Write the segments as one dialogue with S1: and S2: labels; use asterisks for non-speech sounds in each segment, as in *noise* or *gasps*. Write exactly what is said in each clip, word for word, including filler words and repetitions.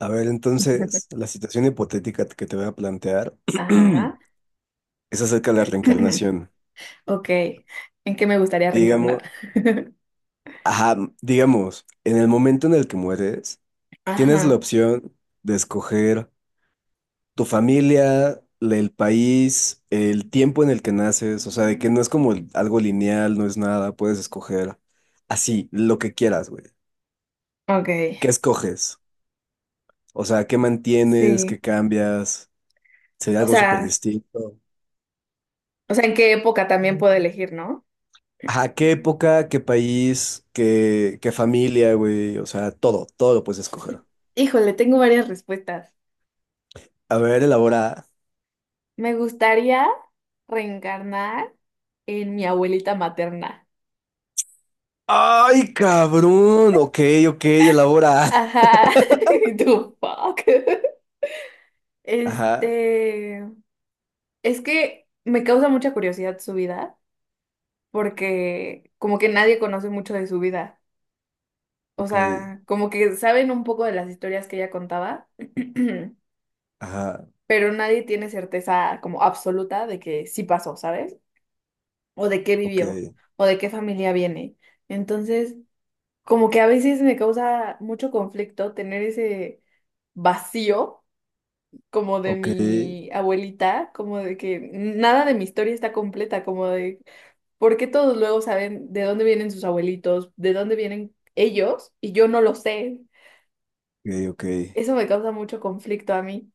S1: A ver, entonces,
S2: *laughs*
S1: la situación hipotética que te voy a plantear
S2: Ajá.
S1: *clears throat* es acerca de la
S2: *clears throat*
S1: reencarnación.
S2: Ok. ¿En qué me gustaría
S1: Digamos,
S2: reencarnar? *laughs*
S1: ajá, digamos, en el momento en el que mueres, tienes la
S2: Ajá.
S1: opción de escoger tu familia, la- el país, el tiempo en el que naces, o sea, de que no es como algo lineal, no es nada, puedes escoger así, lo que quieras, güey.
S2: Ok.
S1: ¿Qué escoges? O sea, ¿qué mantienes? ¿Qué
S2: Sí.
S1: cambias? ¿Sería
S2: O
S1: algo súper
S2: sea,
S1: distinto?
S2: o sea, ¿en qué época también puedo elegir, no?
S1: Ajá, qué época, qué país, qué, qué familia, güey. O sea, todo, todo lo puedes escoger.
S2: Híjole, tengo varias respuestas.
S1: A ver, elabora.
S2: Me gustaría reencarnar en mi abuelita materna.
S1: ¡Ay, cabrón! Ok, ok, elabora. *laughs*
S2: Ajá. *laughs* ¿Tú, fuck?
S1: Ajá,
S2: Este, es que me causa mucha curiosidad su vida, porque como que nadie conoce mucho de su vida. O
S1: ok,
S2: sea, como que saben un poco de las historias que ella contaba, *clears throat*
S1: ajá,
S2: pero nadie tiene certeza como absoluta de que sí pasó, ¿sabes? O de qué
S1: ok,
S2: vivió, o de qué familia viene. Entonces, como que a veces me causa mucho conflicto tener ese vacío como de
S1: ok,
S2: mi abuelita, como de que nada de mi historia está completa, como de por qué todos luego saben de dónde vienen sus abuelitos, de dónde vienen ellos, y yo no lo sé.
S1: ok, ok.
S2: Eso me causa mucho conflicto a mí.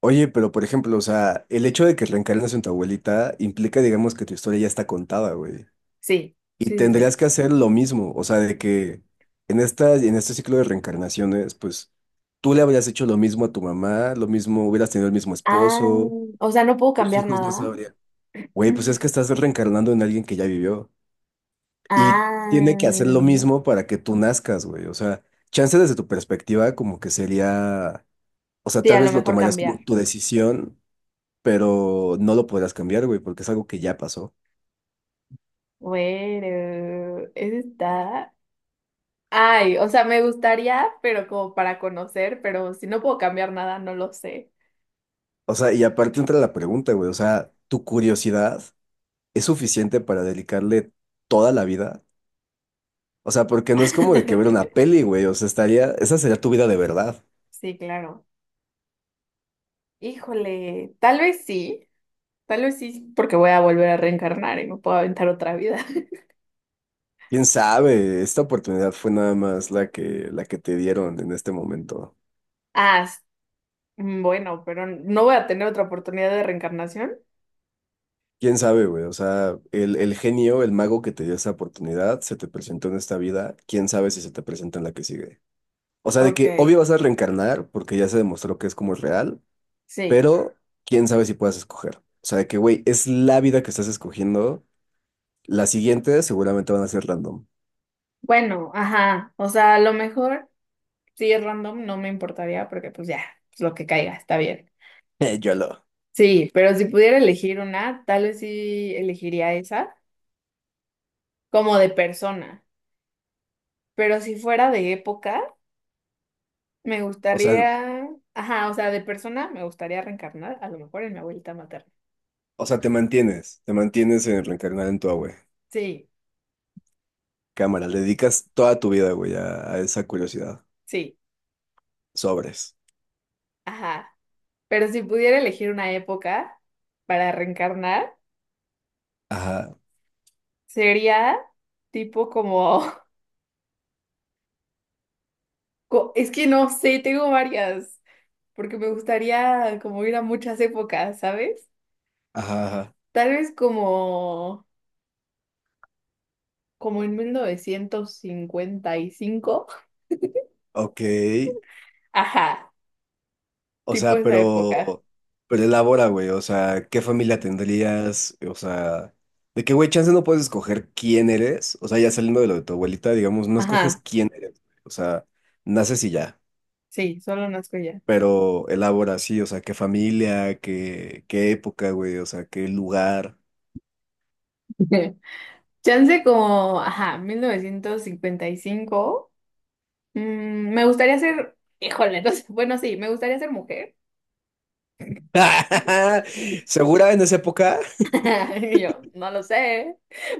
S1: Oye, pero por ejemplo, o sea, el hecho de que reencarnes en tu abuelita implica, digamos, que tu historia ya está contada, güey.
S2: Sí,
S1: Y
S2: sí, sí,
S1: tendrías
S2: sí.
S1: que hacer lo mismo, o sea, de que en esta, en este ciclo de reencarnaciones, pues tú le habrías hecho lo mismo a tu mamá, lo mismo, hubieras tenido el mismo
S2: Ah,
S1: esposo,
S2: o sea, no puedo
S1: tus
S2: cambiar
S1: hijos no
S2: nada.
S1: sabrían. Güey, pues es que
S2: *clears throat*
S1: estás reencarnando en alguien que ya vivió y tiene que hacer
S2: Ah,
S1: lo mismo para que tú nazcas, güey. O sea, chance desde tu perspectiva como que sería, o sea,
S2: sí, a
S1: tal
S2: lo
S1: vez lo
S2: mejor
S1: tomarías
S2: cambiar.
S1: como tu decisión, pero no lo podrás cambiar, güey, porque es algo que ya pasó.
S2: Bueno, eso está. Ay, o sea, me gustaría, pero como para conocer, pero si no puedo cambiar nada, no lo sé.
S1: O sea, y aparte entra la pregunta, güey, o sea, tu curiosidad. Es suficiente para dedicarle toda la vida. O sea, porque no es como de que ver una
S2: *laughs*
S1: peli, güey. O sea, estaría, esa sería tu vida de verdad.
S2: Sí, claro. Híjole, tal vez sí, tal vez sí, porque voy a volver a reencarnar y me puedo aventar otra vida. *laughs*
S1: ¿Quién sabe? Esta oportunidad fue nada más la que, la que te dieron en este momento.
S2: Ah, s- mm, bueno, pero no voy a tener otra oportunidad de reencarnación.
S1: ¿Quién sabe, güey? O sea, el, el genio, el mago que te dio esa oportunidad, se te presentó en esta vida. ¿Quién sabe si se te presenta en la que sigue? O sea, de
S2: Ok,
S1: que obvio vas a reencarnar porque ya se demostró que es como es real,
S2: sí.
S1: pero quién sabe si puedas escoger. O sea, de que, güey, es la vida que estás escogiendo. Las siguientes seguramente van a ser random.
S2: Bueno, ajá. O sea, a lo mejor si es random no me importaría porque pues ya, pues lo que caiga, está bien.
S1: *laughs* YOLO.
S2: Sí, pero si pudiera elegir una, tal vez sí elegiría esa, como de persona. Pero si fuera de época, me
S1: O sea,
S2: gustaría, ajá, o sea, de persona me gustaría reencarnar, a lo mejor en mi abuelita materna.
S1: o sea, te mantienes, te mantienes en reencarnar en tu abue.
S2: Sí,
S1: Cámara, le dedicas toda tu vida, güey, a, a esa curiosidad.
S2: sí,
S1: Sobres.
S2: ajá. Pero si pudiera elegir una época para reencarnar,
S1: Ajá,
S2: sería tipo como *laughs* Co- Es que no sé, tengo varias, porque me gustaría como ir a muchas épocas, ¿sabes?
S1: ajá, ajá.
S2: Tal vez como, como en mil novecientos cincuenta y cinco.
S1: Ok.
S2: *laughs* Ajá,
S1: O
S2: tipo
S1: sea,
S2: esa época.
S1: pero, pero elabora, güey. O sea, ¿qué familia tendrías? O sea, de qué, güey, chance no puedes escoger quién eres. O sea, ya saliendo de lo de tu abuelita, digamos, no escoges
S2: Ajá,
S1: quién eres, güey. O sea, naces y ya.
S2: sí, solo nazco ya.
S1: Pero elabora así, o sea, qué familia, qué, qué época, güey, o sea, qué lugar.
S2: *laughs* Chance como, ajá, mil novecientos cincuenta y cinco. Mm, me gustaría ser, híjole, no sé, bueno, sí, me gustaría ser mujer.
S1: *laughs*
S2: *laughs*
S1: ¿Segura en esa época?
S2: Y yo, no lo sé,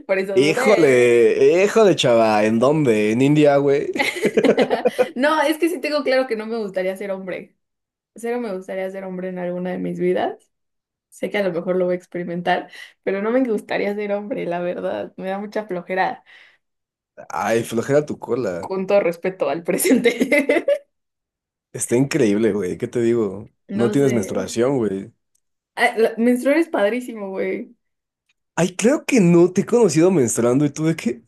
S2: por eso dudé.
S1: Híjole, híjole, chava, ¿en dónde? ¿En India, güey?
S2: *laughs* No, es que sí tengo claro que no me gustaría ser hombre. Cero me gustaría ser hombre en alguna de mis vidas. Sé que a lo mejor lo voy a experimentar, pero no me gustaría ser hombre, la verdad. Me da mucha flojera,
S1: Ay, flojera tu cola.
S2: con todo respeto al presente. *laughs*
S1: Está increíble, güey, ¿qué te digo?
S2: No
S1: No tienes
S2: sé.
S1: menstruación, güey.
S2: Ah, la- menstruar es padrísimo, güey.
S1: Ay, creo que no, te he conocido menstruando y tú de qué.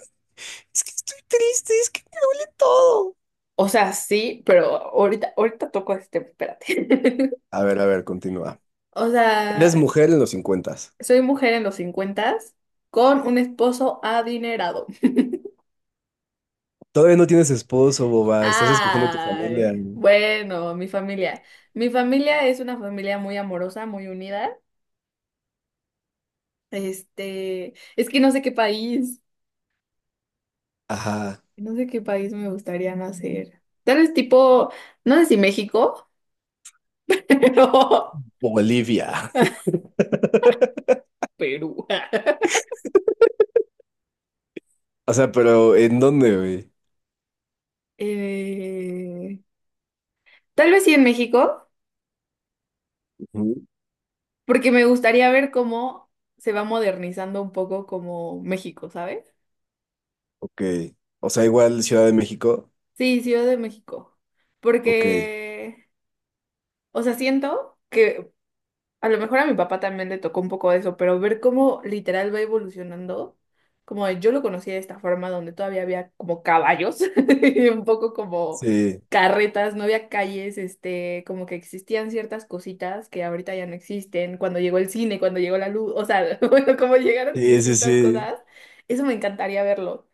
S1: Es que estoy triste, es que me duele todo.
S2: O sea, sí, pero ahorita, ahorita toco este tema, espérate. *laughs*
S1: A ver, a ver, continúa.
S2: O
S1: Eres
S2: sea,
S1: mujer en los cincuentas.
S2: soy mujer en los cincuentas con un esposo adinerado.
S1: Todavía no tienes esposo, boba, estás escogiendo tu familia,
S2: Ay,
S1: ¿no?
S2: bueno, mi familia. Mi familia es una familia muy amorosa, muy unida. Este, es que no sé qué país,
S1: Ajá.
S2: no sé qué país me gustaría nacer. Tal vez tipo, no sé si México, *laughs* pero
S1: Bolivia. *laughs*
S2: Perú.
S1: O sea, pero ¿en dónde, güey?
S2: Eh, Tal vez sí en México,
S1: Ujú.
S2: porque me gustaría ver cómo se va modernizando un poco como México, ¿sabes?
S1: Ok. O sea, igual Ciudad de México.
S2: Sí, Ciudad de México.
S1: Ok.
S2: Porque, o sea, siento que a lo mejor a mi papá también le tocó un poco eso, pero ver cómo literal va evolucionando, como de- yo lo conocía de esta forma donde todavía había como caballos, *laughs* y un poco como
S1: Sí.
S2: carretas, no había calles, este, como que existían ciertas cositas que ahorita ya no existen, cuando llegó el cine, cuando llegó la luz, o sea, *laughs* bueno, como llegaron
S1: Sí, sí,
S2: distintas
S1: sí.
S2: cosas, eso me encantaría verlo,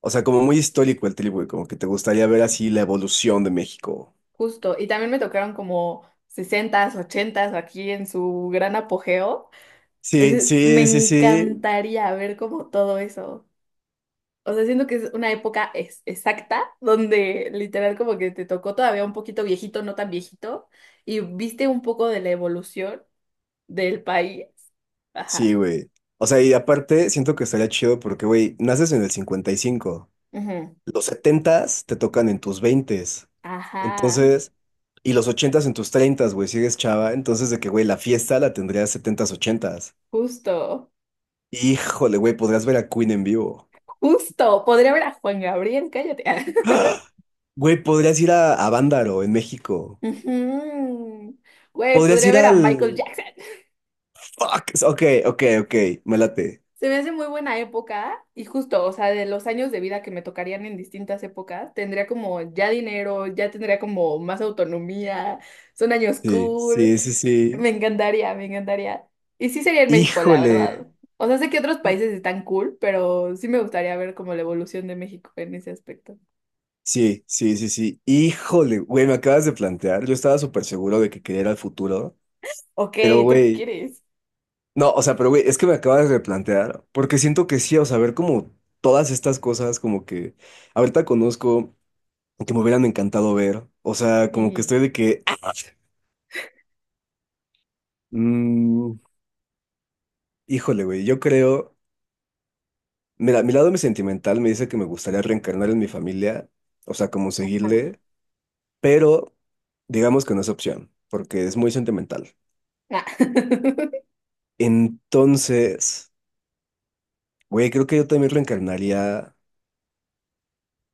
S1: O sea, como muy histórico el trip, güey. Como que te gustaría ver así la evolución de México.
S2: justo. Y también me tocaron como sesentas ochentas aquí en su gran apogeo.
S1: Sí,
S2: Ese- me
S1: sí, sí, sí.
S2: encantaría ver como todo eso. O sea, siento que es una época es, exacta donde literal como que te tocó todavía un poquito viejito, no tan viejito, y viste un poco de la evolución del país.
S1: Sí,
S2: Ajá.
S1: güey. O sea, y aparte, siento que estaría chido porque, güey, naces en el cincuenta y cinco.
S2: Ujú.
S1: Los setentas te tocan en tus veintes.
S2: Ajá.
S1: Entonces, y los ochentas en tus treintas, güey, sigues chava. Entonces, de que, güey, la fiesta la tendrías setentas, ochentas.
S2: Justo.
S1: Híjole, güey, podrías ver a Queen en vivo.
S2: Justo. Podría ver a Juan Gabriel, cállate. *laughs*
S1: *gasps* ¡Ah! Güey, podrías ir a, a Bándaro en México.
S2: Ujú. Güey,
S1: Podrías
S2: podría
S1: ir
S2: ver a Michael
S1: al...
S2: Jackson.
S1: Fuck. Ok, ok, ok. Me late.
S2: Se me hace muy buena época y justo, o sea, de los años de vida que me tocarían en distintas épocas, tendría como ya dinero, ya tendría como más autonomía, son años
S1: Sí,
S2: cool,
S1: sí, sí, sí.
S2: me encantaría, me encantaría. Y sí sería en México, la verdad.
S1: Híjole.
S2: O sea, sé que otros
S1: Hí-
S2: países están cool, pero sí me gustaría ver como la evolución de México en ese aspecto.
S1: Sí, sí, sí, sí. Híjole, güey, me acabas de plantear. Yo estaba súper seguro de que quería ir al futuro.
S2: Ok,
S1: Pero,
S2: ¿tú qué
S1: güey,
S2: quieres?
S1: no, o sea, pero güey, es que me acabas de plantear, porque siento que sí, o sea, ver como todas estas cosas, como que ahorita conozco, que me hubieran encantado ver, o sea, como que
S2: Sí.
S1: estoy de que, ¡ah! Mm, híjole, güey, yo creo, mira, mi lado mi sentimental me dice que me gustaría reencarnar en mi familia, o sea, como
S2: Ajá.
S1: seguirle, pero digamos que no es opción, porque es muy sentimental.
S2: *laughs*
S1: Entonces, güey, creo que yo también reencarnaría.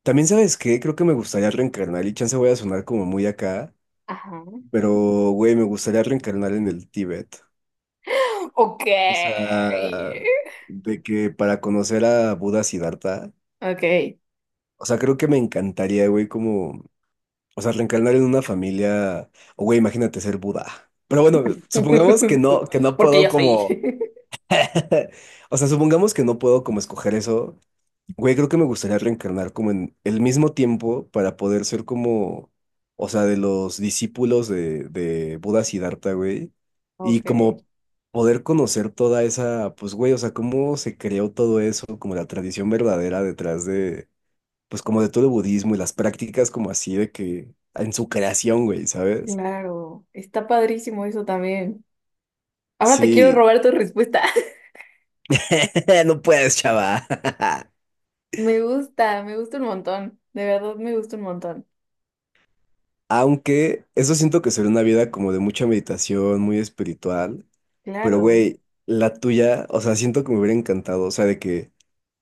S1: También, ¿sabes qué? Creo que me gustaría reencarnar y chance voy a sonar como muy acá,
S2: Ajá.
S1: pero, güey, me gustaría reencarnar en el Tíbet.
S2: Ok.
S1: O sea, de que para conocer a Buda Siddhartha,
S2: Ok.
S1: o sea, creo que me encantaría, güey, como, o sea, reencarnar en una familia, o, güey, imagínate ser Buda. Pero bueno, supongamos que
S2: *laughs* Tú,
S1: no, que no
S2: porque
S1: puedo
S2: yo soy.
S1: como
S2: *laughs*
S1: *laughs* o sea, supongamos que no puedo como escoger eso. Güey, creo que me gustaría reencarnar como en el mismo tiempo para poder ser como, o sea, de los discípulos de, de Buda Siddhartha, güey. Y
S2: Ok.
S1: como poder conocer toda esa, pues, güey, o sea, cómo se creó todo eso, como la tradición verdadera detrás de, pues, como de todo el budismo y las prácticas como así de que, en su creación, güey, ¿sabes?
S2: Claro, está padrísimo eso también. Ahora te quiero
S1: Sí,
S2: robar tu respuesta. *laughs*
S1: *laughs* no puedes, chava. *laughs*
S2: Me gusta, me gusta un montón. De verdad, me gusta un montón.
S1: Aunque eso siento que sería una vida como de mucha meditación, muy espiritual. Pero,
S2: Claro.
S1: güey, la tuya, o sea, siento que me hubiera encantado. O sea, de que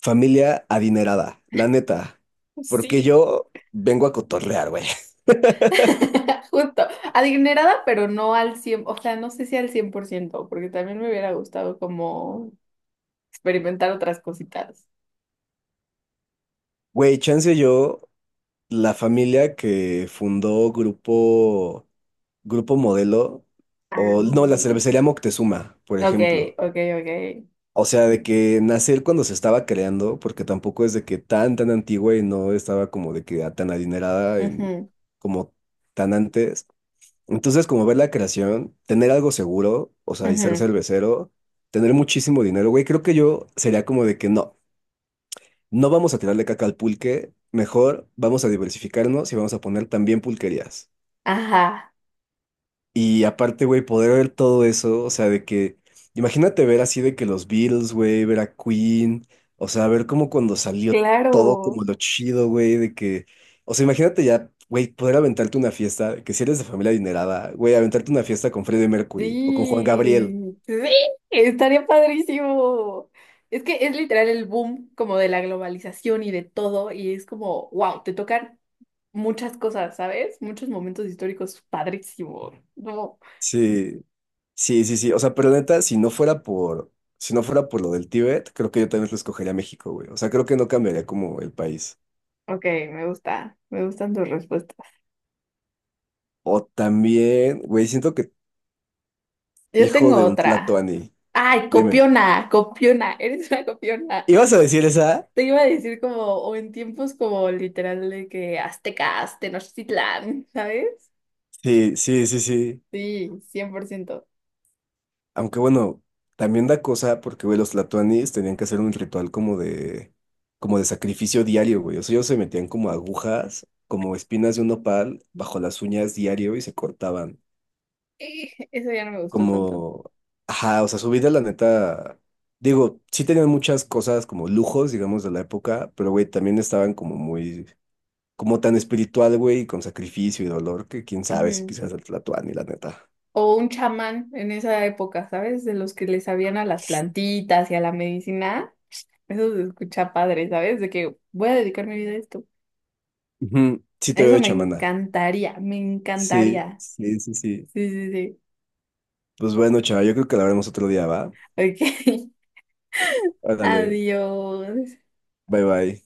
S1: familia adinerada, la neta. Porque
S2: Sí.
S1: yo vengo a cotorrear, güey. *laughs*
S2: *laughs* Justo. Adinerada, pero no al cien. O sea, no sé si al cien por ciento, porque también me hubiera gustado como experimentar otras cositas.
S1: Güey, chance yo, la familia que fundó Grupo, Grupo Modelo,
S2: Ah,
S1: o no, la cervecería Moctezuma, por
S2: ok,
S1: ejemplo.
S2: ok, ok.
S1: O sea, de que nacer cuando se estaba creando, porque tampoco es de que tan, tan antigua y no estaba como de que tan adinerada en,
S2: Ujú,
S1: como tan antes. Entonces, como ver la creación, tener algo seguro, o sea, y ser
S2: ujú.
S1: cervecero, tener muchísimo dinero, güey, creo que yo sería como de que no, no vamos a tirarle caca al pulque, mejor vamos a diversificarnos y vamos a poner también pulquerías.
S2: Ajá,
S1: Y aparte, güey, poder ver todo eso, o sea, de que, imagínate ver así de que los Beatles, güey, ver a Queen, o sea, ver como cuando salió todo
S2: claro.
S1: como lo chido, güey, de que, o sea, imagínate ya, güey, poder aventarte una fiesta, que si eres de familia adinerada, güey, aventarte una fiesta con Freddie Mercury o con Juan Gabriel.
S2: Sí, sí, estaría padrísimo. Es que es literal el boom como de la globalización y de todo, y es como, wow, te tocan muchas cosas, ¿sabes? Muchos momentos históricos padrísimos. No.
S1: Sí, sí, sí, sí, o sea, pero neta, si no fuera por, si no fuera por lo del Tíbet, creo que yo también lo escogería México, güey, o sea, creo que no cambiaría como el país.
S2: Ok, me gusta, me gustan tus respuestas.
S1: O también, güey, siento que
S2: Yo
S1: hijo
S2: tengo
S1: de un
S2: otra.
S1: tlatoani.
S2: Ay,
S1: Dime.
S2: copiona, copiona, eres una copiona.
S1: ¿Ibas a decir esa?
S2: Te iba a decir como, o en tiempos como literal de que aztecas, Tenochtitlán, ¿sabes?
S1: Sí, sí, sí, sí.
S2: Sí, cien por ciento.
S1: Aunque bueno, también da cosa porque, güey, los latuanis tenían que hacer un ritual como de, como de sacrificio diario, güey. O sea, ellos se metían como agujas, como espinas de un nopal bajo las uñas diario y se cortaban.
S2: Eh, *laughs* Eso ya no me gustó tanto.
S1: Como, ajá, o sea, su vida, la neta, digo, sí tenían muchas cosas como lujos, digamos, de la época, pero, güey, también estaban como muy, como tan espiritual, güey, y con sacrificio y dolor que quién sabe si
S2: Ujú.
S1: quizás el tlatoani, la neta.
S2: O un chamán en esa época, ¿sabes? De los que le sabían a las plantitas y a la medicina. Eso se escucha padre, ¿sabes? De que voy a dedicar mi vida a esto.
S1: Ujú, sí te veo
S2: Eso
S1: de
S2: me
S1: chamana.
S2: encantaría, me
S1: Sí,
S2: encantaría.
S1: sí, sí, sí.
S2: Sí, sí, sí.
S1: Pues bueno, chaval, yo creo que la veremos otro día, ¿va?
S2: Ok, *laughs*
S1: Órale,
S2: adiós.
S1: bye bye.